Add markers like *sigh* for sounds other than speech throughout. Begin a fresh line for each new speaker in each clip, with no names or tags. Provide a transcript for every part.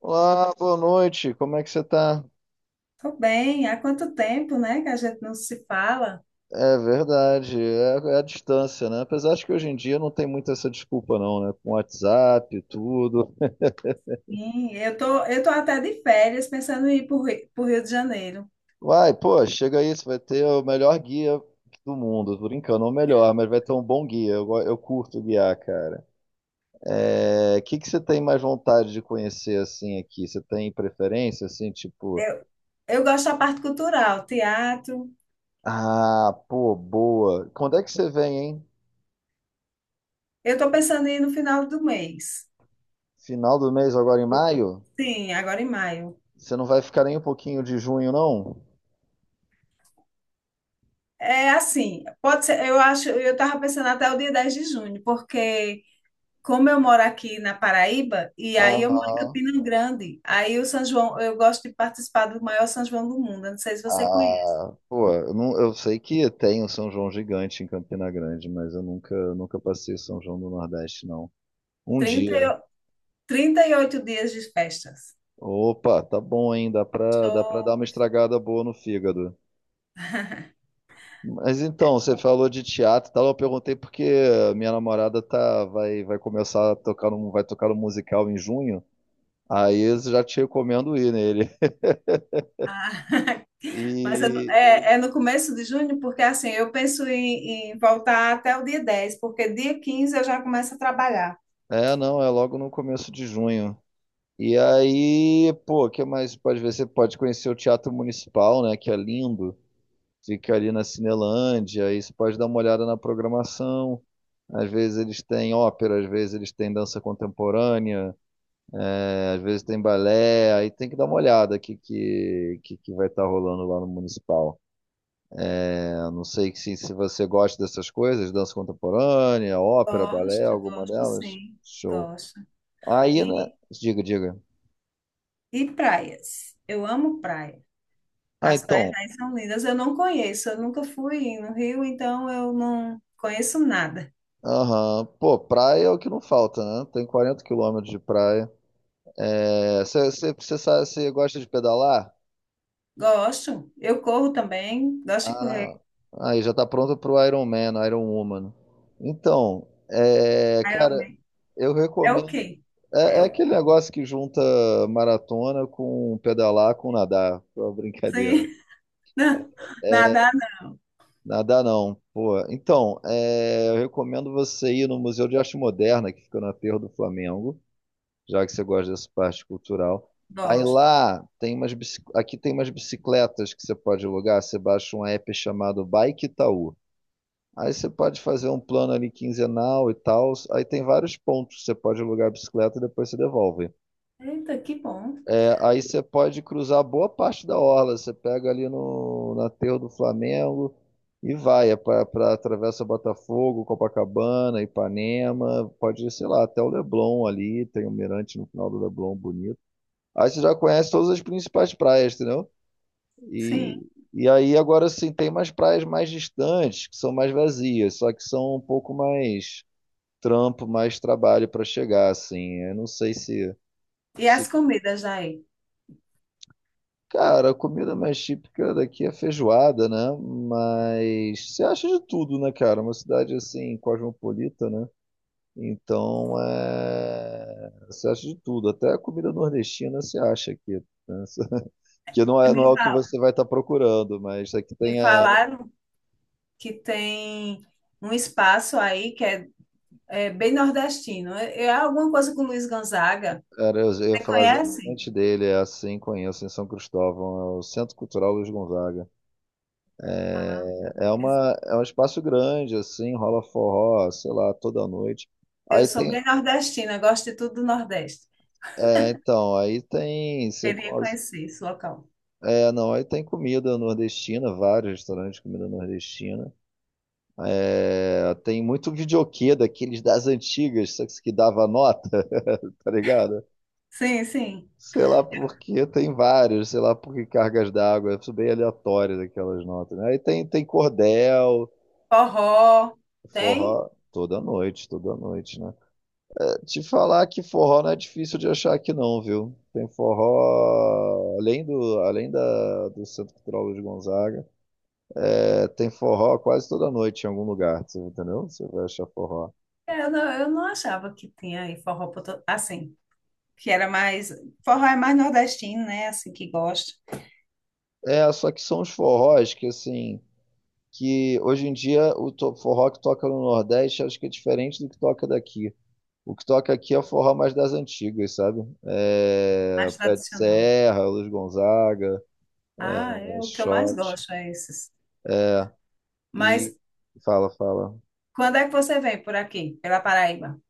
Olá, boa noite. Como é que você tá?
Tô bem, há quanto tempo, né, que a gente não se fala?
É verdade, é a distância, né? Apesar de que hoje em dia não tem muito essa desculpa, não, né? Com WhatsApp, e tudo.
Sim, eu tô até de férias pensando em ir para o Rio de Janeiro.
Vai, pô, chega aí, você vai ter o melhor guia do mundo. Tô brincando, ou melhor, mas vai ter um bom guia. Eu curto guiar, cara. É, que você tem mais vontade de conhecer, assim, aqui? Você tem preferência, assim, tipo...
Eu, eu gosto da parte cultural, teatro.
Ah, pô, boa. Quando é que você vem, hein?
Eu tô pensando em ir no final do mês.
Final do mês, agora em maio?
Sim, agora em maio.
Você não vai ficar nem um pouquinho de junho, não?
É assim, pode ser, eu acho, eu tava pensando até o dia 10 de junho, porque como eu moro aqui na Paraíba, e aí eu moro em
Aham.
Campina Grande, aí o São João, eu gosto de participar do maior São João do mundo, eu não sei se você conhece.
Ah, pô, eu, não, eu sei que tem o São João gigante em Campina Grande, mas eu nunca passei o São João do Nordeste, não. Um dia.
trinta, 38 dias de festas.
Opa, tá bom, hein? Dá pra dar
Show.
uma estragada boa no fígado. Mas então, você falou de teatro e tal, eu perguntei porque minha namorada vai começar a tocar um, vai tocar um musical em junho, aí eu já te recomendo ir nele.
Ah, *laughs* mas é, no
E
é- é no começo de junho, porque assim, eu penso em voltar até o dia 10 porque dia 15 eu já começo a trabalhar.
É, não, é logo no começo de junho. E aí, pô, o que mais pode ver? Você pode conhecer o Teatro Municipal, né? Que é lindo. Fica ali na Cinelândia. Aí você pode dar uma olhada na programação. Às vezes eles têm ópera, às vezes eles têm dança contemporânea, é, às vezes tem balé. Aí tem que dar uma olhada o que que vai estar rolando lá no Municipal. É, não sei se você gosta dessas coisas, dança contemporânea, ópera, balé,
Gosto,
alguma
gosto
delas.
sim,
Show.
gosto.
Aí, né?
E,
Diga, diga.
e praias. Eu amo praia.
Ah,
As praias
então.
aí são lindas. Eu não conheço, eu nunca fui no Rio, então eu não conheço nada.
Aham. Pô, praia é o que não falta, né? Tem 40 km de praia. Você gosta de pedalar?
Gosto. Eu corro também, gosto de correr.
Ah, aí já tá pronto pro Iron Man, Iron Woman. Então, é, cara,
Ironman.
eu
É o
recomendo.
quê?
É,
É
é
o
aquele negócio que junta maratona com pedalar com nadar. Foi uma
quê?
brincadeira.
*laughs* Nadar,
Nadar não, pô. Então, é, eu recomendo você ir no Museu de Arte Moderna, que fica no Aterro do Flamengo. Já que você gosta dessa parte cultural. Aí
gosto.
lá tem umas bici- aqui tem umas bicicletas que você pode alugar, você baixa um app chamado Bike Itaú. Aí você pode fazer um plano ali quinzenal e tal. Aí tem vários pontos. Você pode alugar a bicicleta e depois você devolve.
Eita, que bom.
É, aí você pode cruzar boa parte da orla. Você pega ali no aterro do Flamengo e vai. Atravessa Botafogo, Copacabana, Ipanema. Pode ir, sei lá, até o Leblon ali. Tem um mirante no final do Leblon bonito. Aí você já conhece todas as principais praias, entendeu?
Sim.
E, e aí agora sim tem mais praias mais distantes, que são mais vazias, só que são um pouco mais trampo, mais trabalho para chegar, assim. Eu não sei se,
E
se.
as comidas aí?
Cara, a comida mais típica daqui é feijoada, né? Mas você acha de tudo, né, cara? Uma cidade assim, cosmopolita, né? Então, você acha de tudo, até a comida nordestina você acha aqui. Né? *laughs* Que não é,
Me
não é o que
fa-
você vai estar procurando, mas aqui
me
tem a.
falaram que tem um espaço aí que é bem nordestino. É alguma coisa com Luiz Gonzaga.
Era, eu ia
Você
falar
conhece?
exatamente dele, é assim conheço em São Cristóvão, é o Centro Cultural Luiz Gonzaga.
Ah,
É um espaço grande, assim, rola forró, sei lá, toda noite.
eu
Aí
sou
tem.
bem nordestina, gosto de tudo do Nordeste.
É, então, aí tem. Você
Queria conhecer esse local.
É, não, aí tem comida nordestina, vários restaurantes de comida nordestina. É, tem muito videokê daqueles das antigas, só que dava nota, *laughs* tá ligado?
Sim, sim.
Sei lá porque tem vários sei lá porque cargas d'água, isso bem aleatório daquelas notas, né? Aí tem cordel,
Forró, tem?
forró, toda noite, né? É, te falar que forró não é difícil de achar aqui não, viu? Tem forró, além da, do Centro Cultural de Gonzaga, é, tem forró quase toda noite em algum lugar, você entendeu? Você vai achar forró.
Eu não achava que tinha aí forró assim. Que era mais. Forró é mais nordestino, né? Assim que gosta,
É, só que são os forrós que, assim, que hoje em dia forró que toca no Nordeste acho que é diferente do que toca daqui. O que toca aqui é o forró mais das antigas, sabe?
mais
Pé de
tradicional.
Serra, Luiz Gonzaga,
Ah, é o que eu mais
Shot.
gosto, é esses.
E
Mas
fala, fala.
quando é que você vem por aqui, pela Paraíba?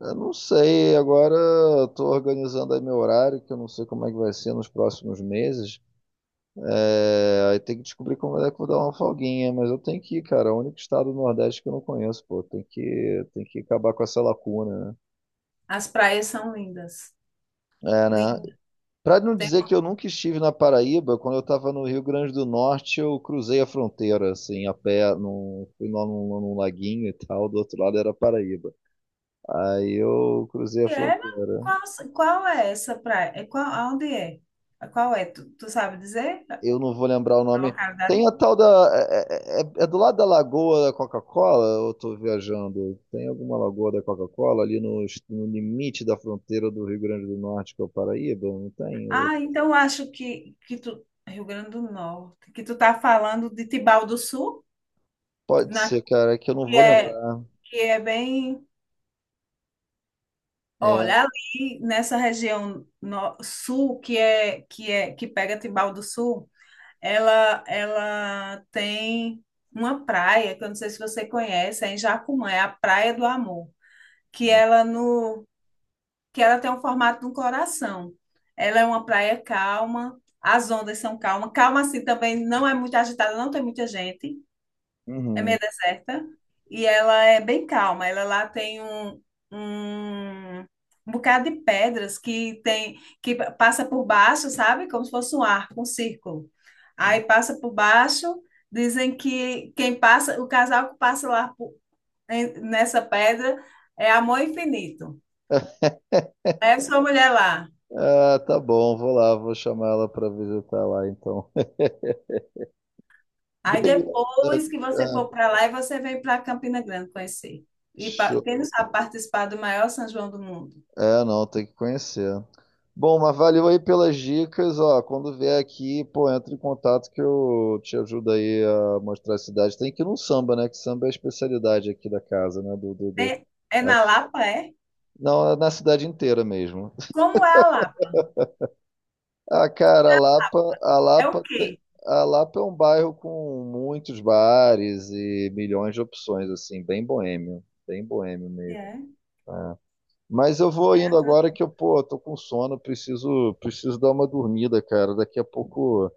Eu não sei, agora estou organizando aí meu horário, que eu não sei como é que vai ser nos próximos meses. Aí tem que descobrir como é que eu vou dar uma folguinha, mas eu tenho que ir, cara. É o único estado do Nordeste que eu não conheço, pô. Tem que acabar com essa lacuna, né?
As praias são lindas.
É, né?
Lindas.
Para não
Tem
dizer que eu nunca estive na Paraíba, quando eu estava no Rio Grande do Norte, eu cruzei a fronteira, assim, a pé, fui lá num laguinho e tal, do outro lado era Paraíba. Aí eu cruzei a
que é, mas
fronteira.
qual é essa praia? É qual, aonde é? Qual é? Tu sabe dizer
Eu não vou lembrar o
a
nome.
localidade?
Tem a tal da. É do lado da Lagoa da Coca-Cola, ou eu estou viajando? Tem alguma Lagoa da Coca-Cola ali no limite da fronteira do Rio Grande do Norte com a Paraíba? Não tem? Ou-
Ah, então eu acho que tu. Rio Grande do Norte, que tu tá falando de Tibau do Sul,
Pode
na,
ser, cara, é que eu não
que
vou
é,
lembrar.
que é bem.
É.
Olha, ali nessa região sul, que é que pega Tibau do Sul, ela tem uma praia, que eu não sei se você conhece, é em Jacumã, é a Praia do Amor, que ela no que ela tem o formato de um coração. Ela é uma praia calma, as ondas são calmas, calma assim também, não é muito agitada, não tem muita gente, é
Uhum.
meio deserta e ela é bem calma. Ela lá tem um bocado de pedras que tem que passa por baixo, sabe? Como se fosse um arco, um círculo. Aí passa por baixo, dizem que quem passa, o casal que passa lá nessa pedra é amor infinito.
*laughs*
Leve sua mulher lá.
Ah, tá bom, vou lá, vou chamar ela para visitar lá então. *laughs*
Aí
Beleza.
depois que você
É,
for para lá, e você vem para Campina Grande conhecer. E quem não
show.
sabe participar do maior São João do mundo.
É, não, tem que conhecer. Bom, mas valeu aí pelas dicas, ó. Quando vier aqui, pô, entra em contato que eu te ajudo aí a mostrar a cidade. Tem que ir no samba, né? Que samba é a especialidade aqui da casa, né? Do, do, do-
É, é na
aqui.
Lapa, é?
Não, é na cidade inteira mesmo.
Como é a Lapa?
Ah, cara, a Lapa, a
É o
Lapa,
quê?
te- a Lapa é um bairro com muitos bares e milhões de opções, assim, bem boêmio
E
mesmo.
é,
Mas eu vou
é
indo
atra-
agora que eu, pô, tô com sono, preciso dar uma dormida, cara. Daqui a pouco.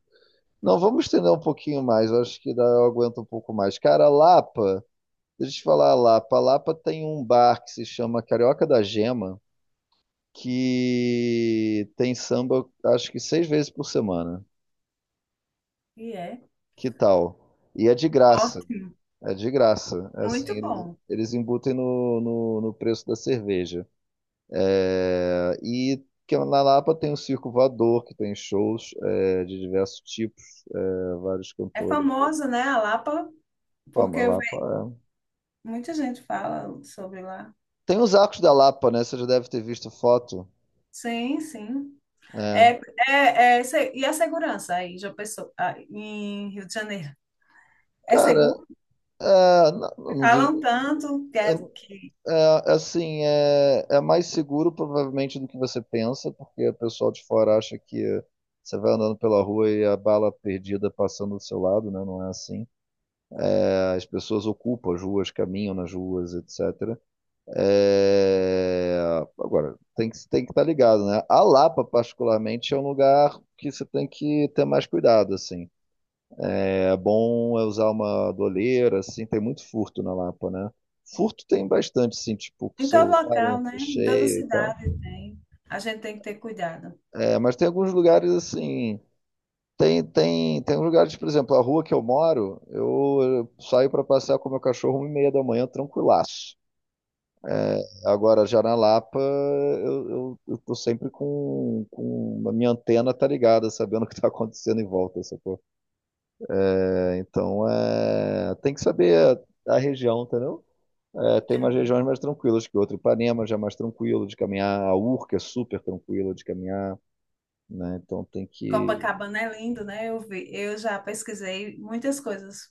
Não, vamos estender um pouquinho mais, eu acho que dá, eu aguento um pouco mais. Cara, a Lapa, deixa eu te falar, a Lapa. A Lapa tem um bar que se chama Carioca da Gema, que tem samba, acho que seis vezes por semana.
e é.
Que tal? E é de graça.
Ótimo,
É de graça. É assim,
muito
eles,
bom.
eles embutem no preço da cerveja. É, e que na Lapa tem o Circo Voador, que tem shows de diversos tipos, vários
É
cantores.
famoso, né, a Lapa, porque
Fama,
eu
Lapa, é.
muita gente fala sobre lá.
Tem os arcos da Lapa, né? Você já deve ter visto foto.
Sim, sim.
É.
É, é, e a segurança aí, já pensou, ah, em Rio de Janeiro? É
Cara,
seguro?
não,
Falam tanto que,
é,
é- que
Assim, é mais seguro provavelmente do que você pensa, porque o pessoal de fora acha que você vai andando pela rua e a bala perdida passando do seu lado, né? Não é assim. As pessoas ocupam as ruas, caminham nas ruas, etc. É, Agora, tem que estar ligado, né? A Lapa, particularmente, é um lugar que você tem que ter mais cuidado, assim. É bom é usar uma doleira, assim, tem muito furto na Lapa, né? Furto tem bastante, assim, tipo, com
em todo
celular em
local,
rua
né? Em toda
cheia e tal.
cidade tem. A gente tem que ter cuidado.
É, mas tem alguns lugares, assim, tem uns lugares, por exemplo, a rua que eu moro, eu saio para passear com meu cachorro 1h30 da manhã, tranquilaço. É, agora, já na Lapa, eu tô sempre com a minha antena tá ligada, sabendo *laughs* o que tá acontecendo em volta, sacou? É, então, é, tem que saber a região, entendeu? É, tem umas regiões mais tranquilas que outra. Ipanema já é mais tranquilo de caminhar, a Urca é super tranquila de caminhar, né? Então tem que.
Copacabana é lindo, né? Eu vi, eu já pesquisei muitas coisas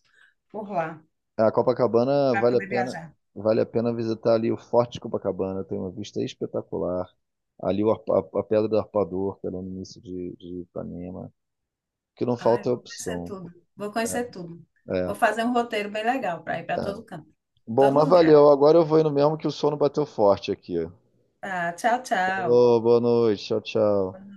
por lá
A Copacabana
para poder viajar.
vale a pena visitar ali o Forte de Copacabana, tem uma vista espetacular. Ali a Pedra do Arpador, que é no início de Ipanema. O que não
Ai,
falta é
vou conhecer
opção.
tudo. Vou conhecer tudo.
É,
Vou fazer um roteiro bem legal para ir para
é.
todo canto,
Bom,
todo
mas
lugar.
valeu. Agora eu vou indo mesmo que o sono bateu forte aqui.
Tá, tchau, tchau.
Falou, boa noite. Tchau, tchau.